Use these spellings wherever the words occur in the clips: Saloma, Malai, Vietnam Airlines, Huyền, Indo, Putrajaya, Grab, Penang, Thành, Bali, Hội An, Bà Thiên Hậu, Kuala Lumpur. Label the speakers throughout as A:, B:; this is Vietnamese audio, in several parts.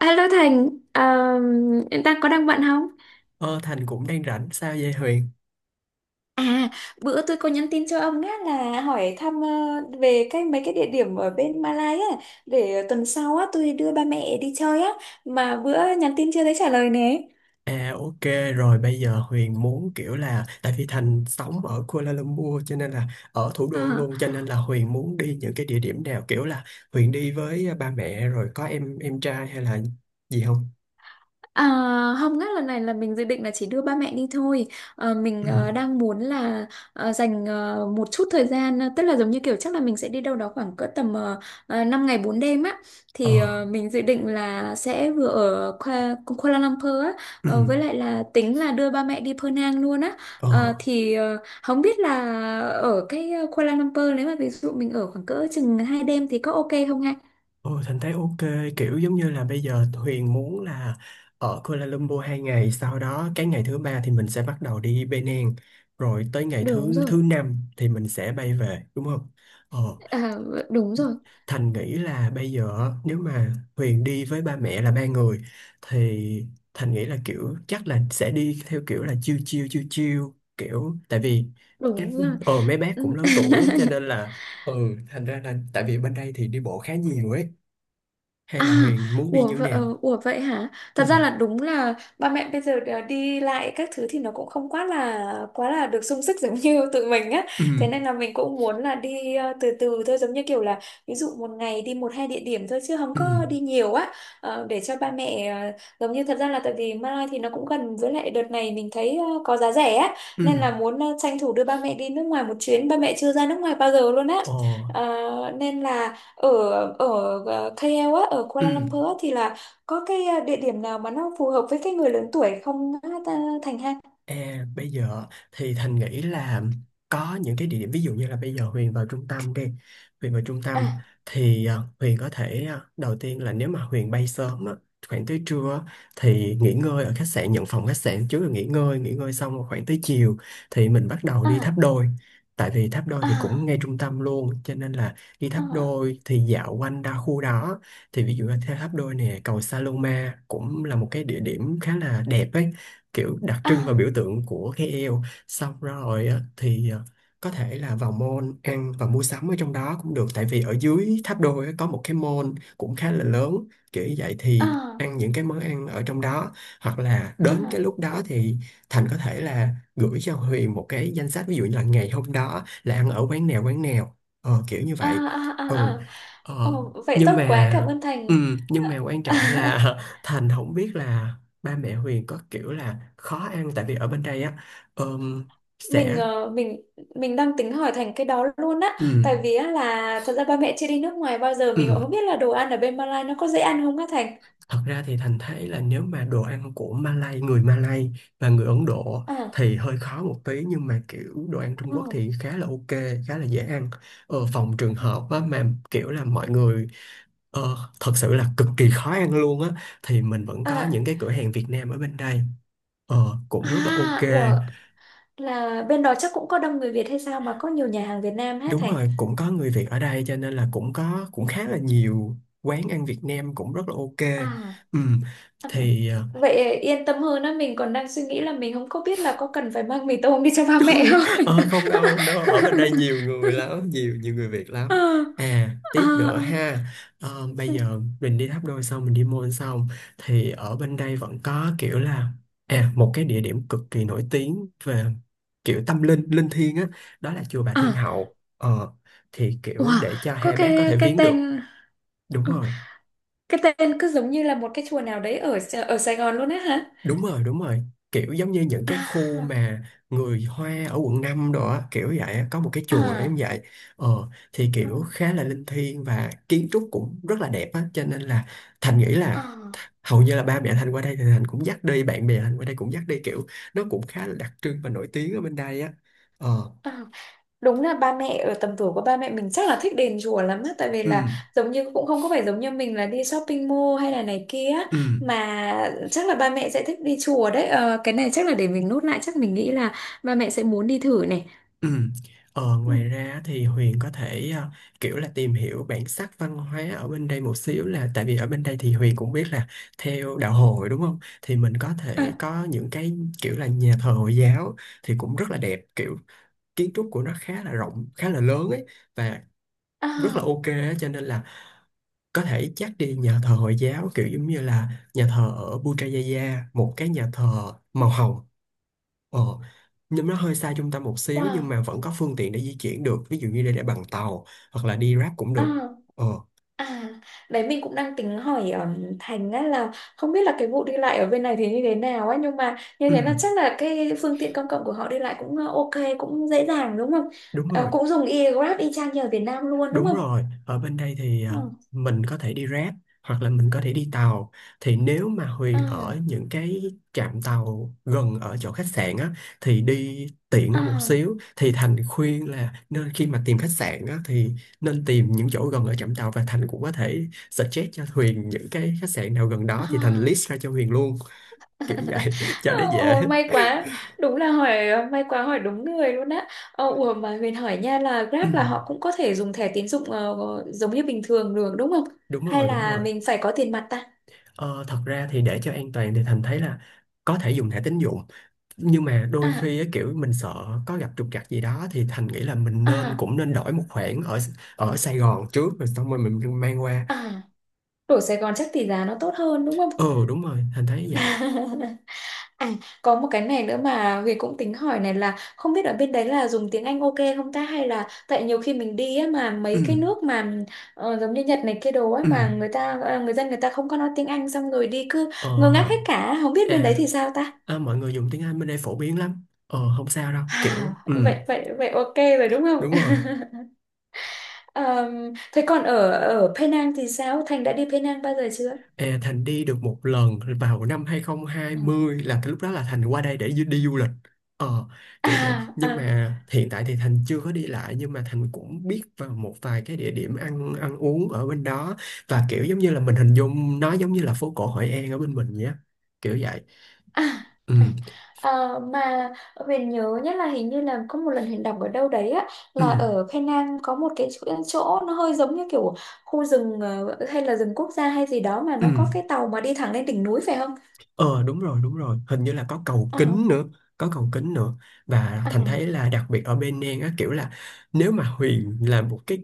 A: Hello Thành, em đang bận không?
B: Ờ, Thành cũng đang rảnh sao vậy Huyền?
A: À, bữa tôi có nhắn tin cho ông á là hỏi thăm, về mấy cái địa điểm ở bên Malai á, để tuần sau á tôi đưa ba mẹ đi chơi á, mà bữa nhắn tin chưa thấy trả lời nè.
B: Ok rồi bây giờ Huyền muốn kiểu là tại vì Thành sống ở Kuala Lumpur cho nên là ở thủ đô luôn cho nên là Huyền muốn đi những cái địa điểm nào kiểu là Huyền đi với ba mẹ rồi có em trai hay là gì không?
A: À, không ngắt, lần này là mình dự định là chỉ đưa ba mẹ đi thôi. Mình
B: Ừ.
A: đang muốn là dành một chút thời gian, tức là giống như kiểu chắc là mình sẽ đi đâu đó khoảng cỡ tầm 5 ngày 4 đêm á. Thì
B: Ờ.
A: mình dự định là sẽ vừa ở Kuala Lumpur á,
B: Ừ.
A: với lại là tính là đưa ba mẹ đi Penang luôn á.
B: Ờ.
A: Không biết là ở Kuala Lumpur nếu mà ví dụ mình ở khoảng cỡ chừng 2 đêm thì có ok không ha?
B: Ừ, Thành thấy ok, kiểu giống như là bây giờ Huyền muốn là ở Kuala Lumpur 2 ngày, sau đó cái ngày thứ ba thì mình sẽ bắt đầu đi Penang, rồi tới ngày
A: Đúng
B: thứ
A: rồi.
B: thứ năm thì mình sẽ bay về đúng không? Ờ,
A: À, đúng rồi,
B: Thành nghĩ là bây giờ nếu mà Huyền đi với ba mẹ là 3 người thì Thành nghĩ là kiểu chắc là sẽ đi theo kiểu là chill chill chill chill, kiểu tại vì các
A: đúng rồi.
B: mấy bác cũng
A: Ừ.
B: lớn tuổi á, cho nên là ừ, thành ra là tại vì bên đây thì đi bộ khá nhiều ấy, hay
A: À,
B: là Huyền muốn đi như thế nào?
A: ủa vậy hả?
B: Ừ,
A: Thật ra là đúng là ba mẹ bây giờ đã đi lại các thứ thì nó cũng không quá là được sung sức giống như tụi mình á.
B: ừ,
A: Thế nên là mình cũng muốn là đi từ từ thôi, giống như kiểu là ví dụ một ngày đi một hai địa điểm thôi chứ không
B: ừ,
A: có đi nhiều á. Để cho ba mẹ giống như thật ra là tại vì Malai thì nó cũng gần, với lại đợt này mình thấy có giá rẻ á,
B: ừ,
A: nên là muốn tranh thủ đưa ba mẹ đi nước ngoài một chuyến. Ba mẹ chưa ra nước ngoài bao giờ luôn á.
B: ồ,
A: Nên là ở ở ờ, KL á, ở
B: ừ.
A: Kuala Lumpur á, thì là có địa điểm nào mà nó phù hợp với cái người lớn tuổi không á, Thành ha?
B: À, bây giờ thì Thành nghĩ là có những cái địa điểm ví dụ như là bây giờ Huyền vào trung tâm đi, Huyền vào trung tâm
A: À,
B: thì Huyền có thể đầu tiên là nếu mà Huyền bay sớm á, khoảng tới trưa á, thì nghỉ ngơi ở khách sạn, nhận phòng khách sạn trước rồi nghỉ ngơi, xong rồi khoảng tới chiều thì mình bắt đầu đi tháp
A: à,
B: đôi. Tại vì tháp đôi thì cũng
A: à,
B: ngay trung tâm luôn cho nên là đi tháp đôi thì dạo quanh đa khu đó, thì ví dụ là theo tháp đôi nè, cầu Saloma cũng là một cái địa điểm khá là đẹp ấy, kiểu đặc trưng và
A: à,
B: biểu tượng của cái eo. Xong rồi á, thì có thể là vào mall ăn và mua sắm ở trong đó cũng được, tại vì ở dưới tháp đôi á, có một cái mall cũng khá là lớn, kiểu như vậy thì
A: à,
B: ăn những cái món ăn ở trong đó. Hoặc là
A: à,
B: đến cái
A: à,
B: lúc đó thì Thành có thể là gửi cho Huyền một cái danh sách, ví dụ như là ngày hôm đó là ăn ở quán nào quán nào, kiểu như
A: à,
B: vậy.
A: à, à,
B: Ừ,
A: à.
B: ờ,
A: Ồ, vậy
B: nhưng
A: tốt quá,
B: mà
A: cảm ơn Thành.
B: ừ, nhưng mà quan
A: À,
B: trọng là Thành không biết là ba mẹ Huyền có kiểu là khó ăn, tại vì ở bên đây á ờm,
A: mình
B: sẽ
A: ờ, mình đang tính hỏi Thành cái đó luôn á,
B: ừ,
A: tại vì á là thật ra ba mẹ chưa đi nước ngoài bao giờ mình
B: ừ.
A: cũng không biết là đồ ăn ở bên Malaysia nó có dễ ăn không á Thành?
B: Thật ra thì Thành thấy là nếu mà đồ ăn của Malay, người Malay và người Ấn Độ
A: À,
B: thì hơi khó một tí, nhưng mà kiểu đồ ăn
A: à,
B: Trung Quốc thì khá là ok, khá là dễ ăn. Ờ, phòng trường hợp á, mà kiểu là mọi người thật sự là cực kỳ khó ăn luôn á thì mình vẫn có
A: à,
B: những cái cửa hàng Việt Nam ở bên đây, ờ,
A: à,
B: cũng rất là ok.
A: à. Ủa. Là bên đó chắc cũng có đông người Việt hay sao mà có nhiều nhà hàng Việt Nam hả
B: Đúng
A: Thành?
B: rồi, cũng có người Việt ở đây cho nên là cũng có, cũng khá là nhiều quán ăn Việt Nam cũng rất là ok.
A: À,
B: Ừ,
A: ừ.
B: thì
A: Vậy yên tâm hơn á, mình còn đang suy nghĩ là mình không có biết là có cần phải mang mì tôm đi cho ba mẹ không.
B: ờ, không đâu, không đâu, ở bên đây nhiều người lắm, nhiều, nhiều người Việt
A: Ờ,
B: lắm. À,
A: ờ,
B: tiếp nữa
A: ờ.
B: ha. Ờ, bây giờ mình đi Tháp Đôi xong mình đi Môn xong thì ở bên đây vẫn có kiểu là à, một cái địa điểm cực kỳ nổi tiếng về kiểu tâm linh, linh thiêng á, đó là chùa Bà Thiên
A: À,
B: Hậu. Ờ, thì kiểu
A: wow,
B: để cho
A: có
B: hai bác có thể viếng được. Đúng
A: ờ,
B: rồi.
A: cái tên cứ giống như là một cái chùa nào đấy ở ở Sài Gòn luôn á hả?
B: Đúng rồi, kiểu giống như những cái
A: À,
B: khu mà người Hoa ở quận 5 đó á, kiểu vậy á, có một cái chùa giống
A: à,
B: vậy. ờ thì
A: à,
B: kiểu khá là linh thiêng và kiến trúc cũng rất là đẹp á, cho nên là Thành nghĩ là hầu như là ba mẹ Thành qua đây thì Thành cũng dắt đi, bạn bè Thành qua đây cũng dắt đi, kiểu nó cũng khá là đặc trưng và nổi tiếng ở bên đây á. Ờ,
A: à, à. Đúng là ba mẹ ở tầm tuổi của ba mẹ mình chắc là thích đền chùa lắm á, tại vì
B: ừ,
A: là giống như cũng không có phải giống như mình là đi shopping mall hay là này kia á,
B: ừ.
A: mà chắc là ba mẹ sẽ thích đi chùa đấy. Ờ, cái này chắc là để mình nốt lại, chắc mình nghĩ là ba mẹ sẽ muốn đi thử này.
B: Ừ. Ờ,
A: Ừ,
B: ngoài ra thì Huyền có thể kiểu là tìm hiểu bản sắc văn hóa ở bên đây một xíu, là tại vì ở bên đây thì Huyền cũng biết là theo đạo Hồi đúng không? Thì mình có
A: à,
B: thể có những cái kiểu là nhà thờ Hồi giáo thì cũng rất là đẹp, kiểu kiến trúc của nó khá là rộng, khá là lớn ấy, và rất là
A: à,
B: ok á, cho nên là có thể chắc đi nhà thờ Hồi giáo, kiểu giống như là nhà thờ ở Putrajaya, một cái nhà thờ màu hồng. Ờ, nhưng nó hơi xa trung tâm một xíu, nhưng
A: wow,
B: mà vẫn có phương tiện để di chuyển được, ví dụ như đi để bằng tàu hoặc là đi Grab cũng
A: à.
B: được. ờ
A: À, đấy mình cũng đang tính hỏi, Thành á là không biết là cái vụ đi lại ở bên này thì như thế nào ấy, nhưng mà như
B: ừ,
A: thế là chắc là cái phương tiện công cộng của họ đi lại cũng ok, cũng dễ dàng đúng không?
B: đúng
A: Ờ,
B: rồi,
A: cũng dùng Grab y chang như ở Việt Nam luôn đúng
B: đúng
A: không?
B: rồi, ở bên đây thì
A: Ừ.
B: mình có thể đi Grab hoặc là mình có thể đi tàu. Thì nếu mà Huyền
A: À,
B: ở những cái trạm tàu gần ở chỗ khách sạn á thì đi tiện hơn một
A: à,
B: xíu, thì Thành khuyên là nên khi mà tìm khách sạn á thì nên tìm những chỗ gần ở trạm tàu. Và Thành cũng có thể suggest cho Huyền những cái khách sạn nào gần đó thì Thành
A: à.
B: list ra cho Huyền luôn, kiểu vậy cho để dễ.
A: Ôi may quá, đúng là may quá hỏi đúng người luôn á. Ờ, ủa mà mình hỏi nha là
B: Ừ,
A: Grab là họ cũng có thể dùng thẻ tín dụng, giống như bình thường được đúng không?
B: đúng
A: Hay
B: rồi, đúng
A: là
B: rồi.
A: mình phải có tiền mặt ta?
B: Ờ, thật ra thì để cho an toàn thì Thành thấy là có thể dùng thẻ tín dụng, nhưng mà đôi
A: À,
B: khi á, kiểu mình sợ có gặp trục trặc gì đó thì Thành nghĩ là mình nên
A: à.
B: cũng nên đổi một khoản ở ở Sài Gòn trước rồi xong rồi mình mang qua.
A: À, đổi Sài Gòn chắc tỷ giá nó tốt hơn đúng không?
B: Ừ, đúng rồi Thành thấy vậy.
A: À, có một cái này nữa mà Huyền cũng tính hỏi này, là không biết ở bên đấy là dùng tiếng Anh ok không ta, hay là tại nhiều khi mình đi á mà
B: Ừ,
A: mấy cái nước mà giống như Nhật này kia đồ ấy,
B: ừ,
A: mà người dân người ta không có nói tiếng Anh, xong rồi đi cứ
B: ờ.
A: ngơ ngác hết cả, không biết bên đấy
B: À,
A: thì sao ta?
B: à, mọi người dùng tiếng Anh bên đây phổ biến lắm, ờ, không sao đâu
A: À,
B: kiểu, ừ,
A: vậy vậy vậy, ok rồi đúng không?
B: đúng rồi.
A: Thế còn ở ở Penang thì sao? Thành đã đi Penang bao giờ chưa?
B: Ê, Thành đi được một lần vào năm
A: Ừ.
B: 2020, là cái lúc đó là Thành qua đây để đi du lịch, ờ, kiểu vậy.
A: À,
B: Nhưng
A: à.
B: mà hiện tại thì Thành chưa có đi lại, nhưng mà Thành cũng biết vào một vài cái địa điểm ăn ăn uống ở bên đó, và kiểu giống như là mình hình dung nó giống như là phố cổ Hội An ở bên mình nhé, kiểu vậy.
A: À,
B: Ừ,
A: à, à, mà Huyền nhớ nhất là hình như là có một lần Huyền đọc ở đâu đấy á,
B: ừ,
A: là ở Penang có một cái chỗ, nó hơi giống như kiểu khu rừng, hay là rừng quốc gia hay gì đó, mà
B: ừ.
A: nó có cái tàu mà đi thẳng lên đỉnh núi phải không?
B: Ờ, đúng rồi, đúng rồi, hình như là có cầu
A: Ờ,
B: kính nữa, có cầu kính nữa. Và
A: à,
B: Thành thấy là đặc biệt ở bên An á, kiểu là nếu mà Huyền làm một cái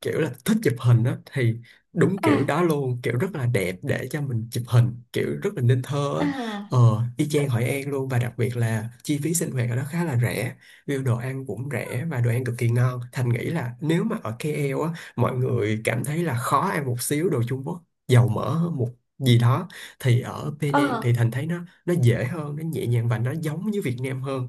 B: kiểu là thích chụp hình á thì đúng
A: à,
B: kiểu đó luôn, kiểu rất là đẹp để cho mình chụp hình, kiểu rất là nên thơ á.
A: à,
B: Ờ, y chang Hội An luôn, và đặc biệt là chi phí sinh hoạt ở đó khá là rẻ, view đồ ăn cũng rẻ và đồ ăn cực kỳ ngon. Thành nghĩ là nếu mà ở KL á, mọi người cảm thấy là khó ăn một xíu, đồ Trung Quốc dầu mỡ hơn một gì đó, thì ở Penang thì
A: à.
B: Thành thấy nó dễ hơn, nó nhẹ nhàng và nó giống như Việt Nam hơn.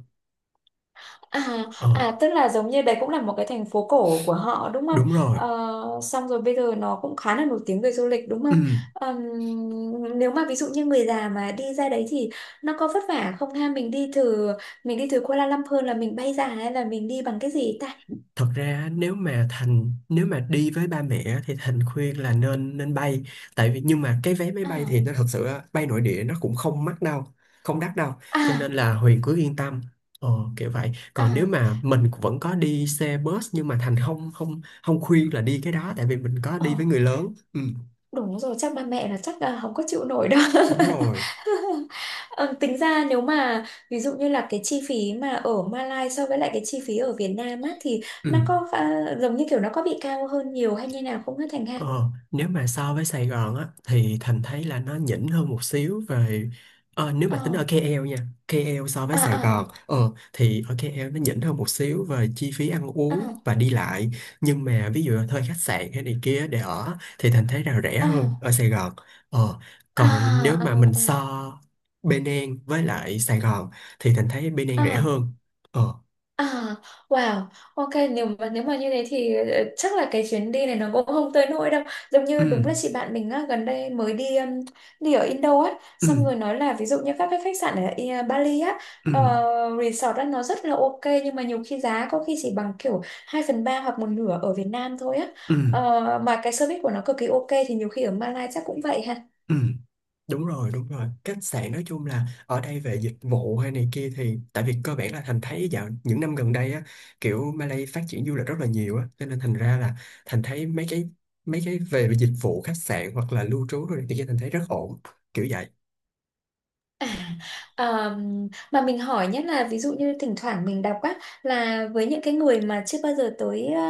A: À,
B: Ờ,
A: à, tức là giống như đấy cũng là một cái thành phố cổ của họ đúng không?
B: đúng rồi.
A: Ờ, xong rồi bây giờ nó cũng khá là nổi tiếng về du lịch đúng
B: Ừ,
A: không? Nếu mà ví dụ như người già mà đi ra đấy thì nó có vất vả không ha? Mình đi từ Kuala Lumpur là mình bay ra hay là mình đi bằng cái gì ta?
B: thật ra nếu mà Thành, nếu mà đi với ba mẹ á, thì Thành khuyên là nên nên bay. Tại vì nhưng mà cái vé máy bay thì
A: À,
B: nó thật sự á, bay nội địa nó cũng không mắc đâu, không đắt đâu, cho nên
A: à,
B: là Huyền cứ yên tâm. Ờ, kiểu vậy. Còn nếu
A: à.
B: mà mình cũng vẫn có đi xe bus, nhưng mà Thành không không không khuyên là đi cái đó, tại vì mình có
A: Ồ.
B: đi với người lớn. Ừ,
A: Đúng rồi, chắc là không có chịu nổi đâu.
B: đúng rồi.
A: Ờ, tính ra nếu mà ví dụ như là cái chi phí mà ở Malaysia so với lại cái chi phí ở Việt Nam á, thì
B: Ừ.
A: nó có giống như kiểu nó có bị cao hơn nhiều hay như nào không hả Thành ha?
B: Ờ, nếu mà so với Sài Gòn á thì Thành thấy là nó nhỉnh hơn một xíu về, ờ, nếu mà tính
A: Ờ,
B: ở KL nha, KL so với
A: à,
B: Sài
A: à,
B: Gòn ờ, thì ở KL nó nhỉnh hơn một xíu về chi phí ăn
A: à,
B: uống và đi lại, nhưng mà ví dụ là thuê khách sạn hay này kia để ở thì Thành thấy là rẻ hơn
A: à,
B: ở Sài Gòn. Ờ,
A: à,
B: còn nếu
A: à, à,
B: mà mình
A: à,
B: so Bên An với lại Sài Gòn thì Thành thấy Bên An rẻ
A: à,
B: hơn. Ờ,
A: à. Wow, ok, nếu mà như thế thì, chắc là cái chuyến đi này nó cũng không tới nỗi đâu. Giống
B: ừ,
A: như đúng là chị bạn mình á, gần đây mới đi đi ở Indo á,
B: ừ,
A: xong rồi nói là ví dụ như các cái khách sạn ở Bali á,
B: ừ,
A: ờ, resort á nó rất là ok, nhưng mà nhiều khi giá có khi chỉ bằng kiểu 2/3 hoặc một nửa ở Việt Nam thôi á.
B: ừ, ừ,
A: Ờ, mà cái service của nó cực kỳ ok, thì nhiều khi ở Malaysia chắc cũng vậy.
B: ừ. Đúng rồi, đúng rồi. Khách sạn nói chung là ở đây về dịch vụ hay này kia, thì tại vì cơ bản là Thành thấy dạo những năm gần đây á, kiểu Malay phát triển du lịch rất là nhiều á cho nên thành ra là Thành thấy mấy cái về dịch vụ khách sạn hoặc là lưu trú rồi thì Thành thấy rất ổn, kiểu vậy.
A: Ờ, mà mình hỏi nhất là ví dụ như thỉnh thoảng mình đọc á là với những cái người mà chưa bao giờ tới ờ,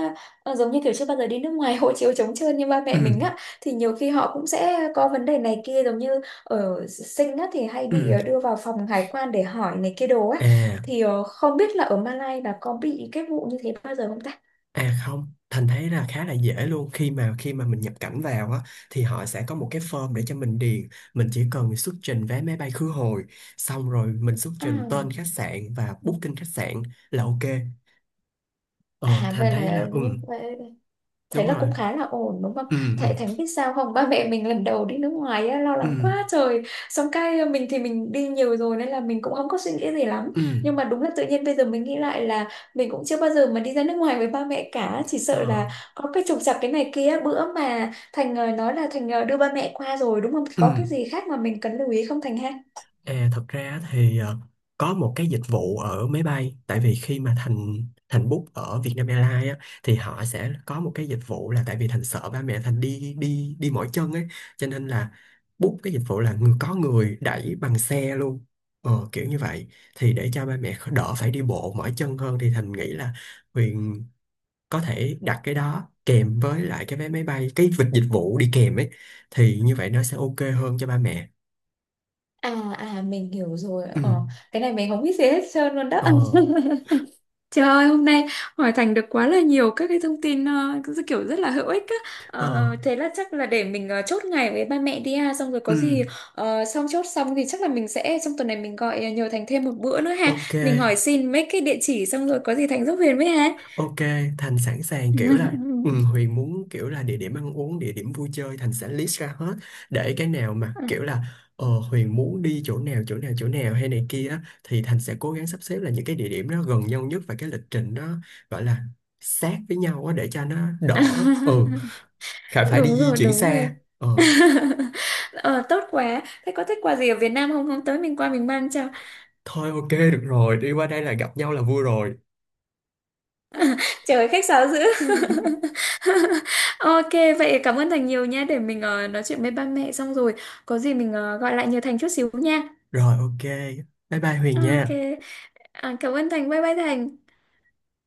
A: ờ, giống như kiểu chưa bao giờ đi nước ngoài hộ chiếu trống trơn như ba
B: Ừ.
A: mẹ mình á, thì nhiều khi họ cũng sẽ có vấn đề này kia, giống như ở sinh á thì hay bị
B: Ừ.
A: đưa vào phòng hải quan để hỏi này kia đồ á,
B: À.
A: thì không biết là ở Malaysia là có bị cái vụ như thế bao giờ không ta?
B: À, không, Thành thấy là khá là dễ luôn. Khi mà mình nhập cảnh vào á thì họ sẽ có một cái form để cho mình điền, mình chỉ cần xuất trình vé máy bay khứ hồi, xong rồi mình xuất
A: À,
B: trình tên khách sạn và booking khách sạn là ok. Ờ,
A: à,
B: Thành
A: vậy
B: thấy
A: là
B: là ừ,
A: như vậy, thấy
B: đúng
A: là
B: rồi.
A: cũng khá là ổn đúng không?
B: Ừ, ừ,
A: Tại Thánh biết sao không? Ba mẹ mình lần đầu đi nước ngoài á, lo
B: ừ,
A: lắng quá trời. Xong cái mình thì mình đi nhiều rồi nên là mình cũng không có suy nghĩ gì lắm.
B: ừ,
A: Nhưng mà đúng là tự nhiên bây giờ mình nghĩ lại là mình cũng chưa bao giờ mà đi ra nước ngoài với ba mẹ cả. Chỉ sợ
B: ờ,
A: là có cái trục trặc cái này kia. Bữa mà Thành nói là Thành đưa ba mẹ qua rồi đúng không? Thì
B: ừ.
A: có cái gì khác mà mình cần lưu ý không Thành ha?
B: À, thật ra thì có một cái dịch vụ ở máy bay, tại vì khi mà Thành Thành book ở Vietnam Airlines á, thì họ sẽ có một cái dịch vụ là, tại vì Thành sợ ba mẹ Thành đi đi đi mỏi chân ấy, cho nên là book cái dịch vụ là có người đẩy bằng xe luôn, ờ, kiểu như vậy, thì để cho ba mẹ đỡ phải đi bộ mỏi chân hơn. Thì Thành nghĩ là Huyền có thể đặt cái đó kèm với lại cái vé máy bay, cái vịt dịch vụ đi kèm ấy, thì như vậy nó sẽ ok hơn cho ba mẹ.
A: À, à, mình hiểu rồi.
B: Ừ.
A: Ờ, cái này mình không biết gì hết trơn luôn đó.
B: Ờ.
A: Trời ơi, hôm nay hỏi Thành được quá là nhiều các cái thông tin, cứ kiểu rất là hữu ích á.
B: Ờ.
A: Ờ, thế là chắc là để mình chốt ngày với ba mẹ đi ha, xong rồi
B: Ừ,
A: có gì xong chốt xong thì chắc là mình sẽ trong tuần này mình gọi, nhờ Thành thêm một bữa nữa ha.
B: ok,
A: Mình hỏi xin mấy cái địa chỉ, xong rồi có gì Thành giúp Huyền với ha.
B: ok, Thành sẵn sàng kiểu là ừ, Huyền muốn kiểu là địa điểm ăn uống, địa điểm vui chơi Thành sẽ list ra hết, để cái nào mà kiểu là Huyền muốn đi chỗ nào, chỗ nào, chỗ nào hay này kia á, thì Thành sẽ cố gắng sắp xếp là những cái địa điểm nó gần nhau nhất, và cái lịch trình nó gọi là sát với nhau á, để cho nó đỡ, ừ, khỏi phải đi
A: Đúng
B: di
A: rồi,
B: chuyển
A: đúng rồi.
B: xa. Ờ,
A: Ờ, tốt quá. Thế có thích quà gì ở Việt Nam không? Hôm tới mình qua mình mang cho.
B: thôi ok được rồi, đi qua đây là gặp nhau là vui rồi.
A: Trời ơi, khách sáo dữ. Ok, vậy cảm ơn Thành nhiều nha. Để mình nói chuyện với ba mẹ xong rồi. Có gì mình gọi lại nhờ Thành chút xíu nha.
B: Rồi ok, bye bye Huyền
A: Ok.
B: nha.
A: À, cảm ơn Thành. Bye bye Thành.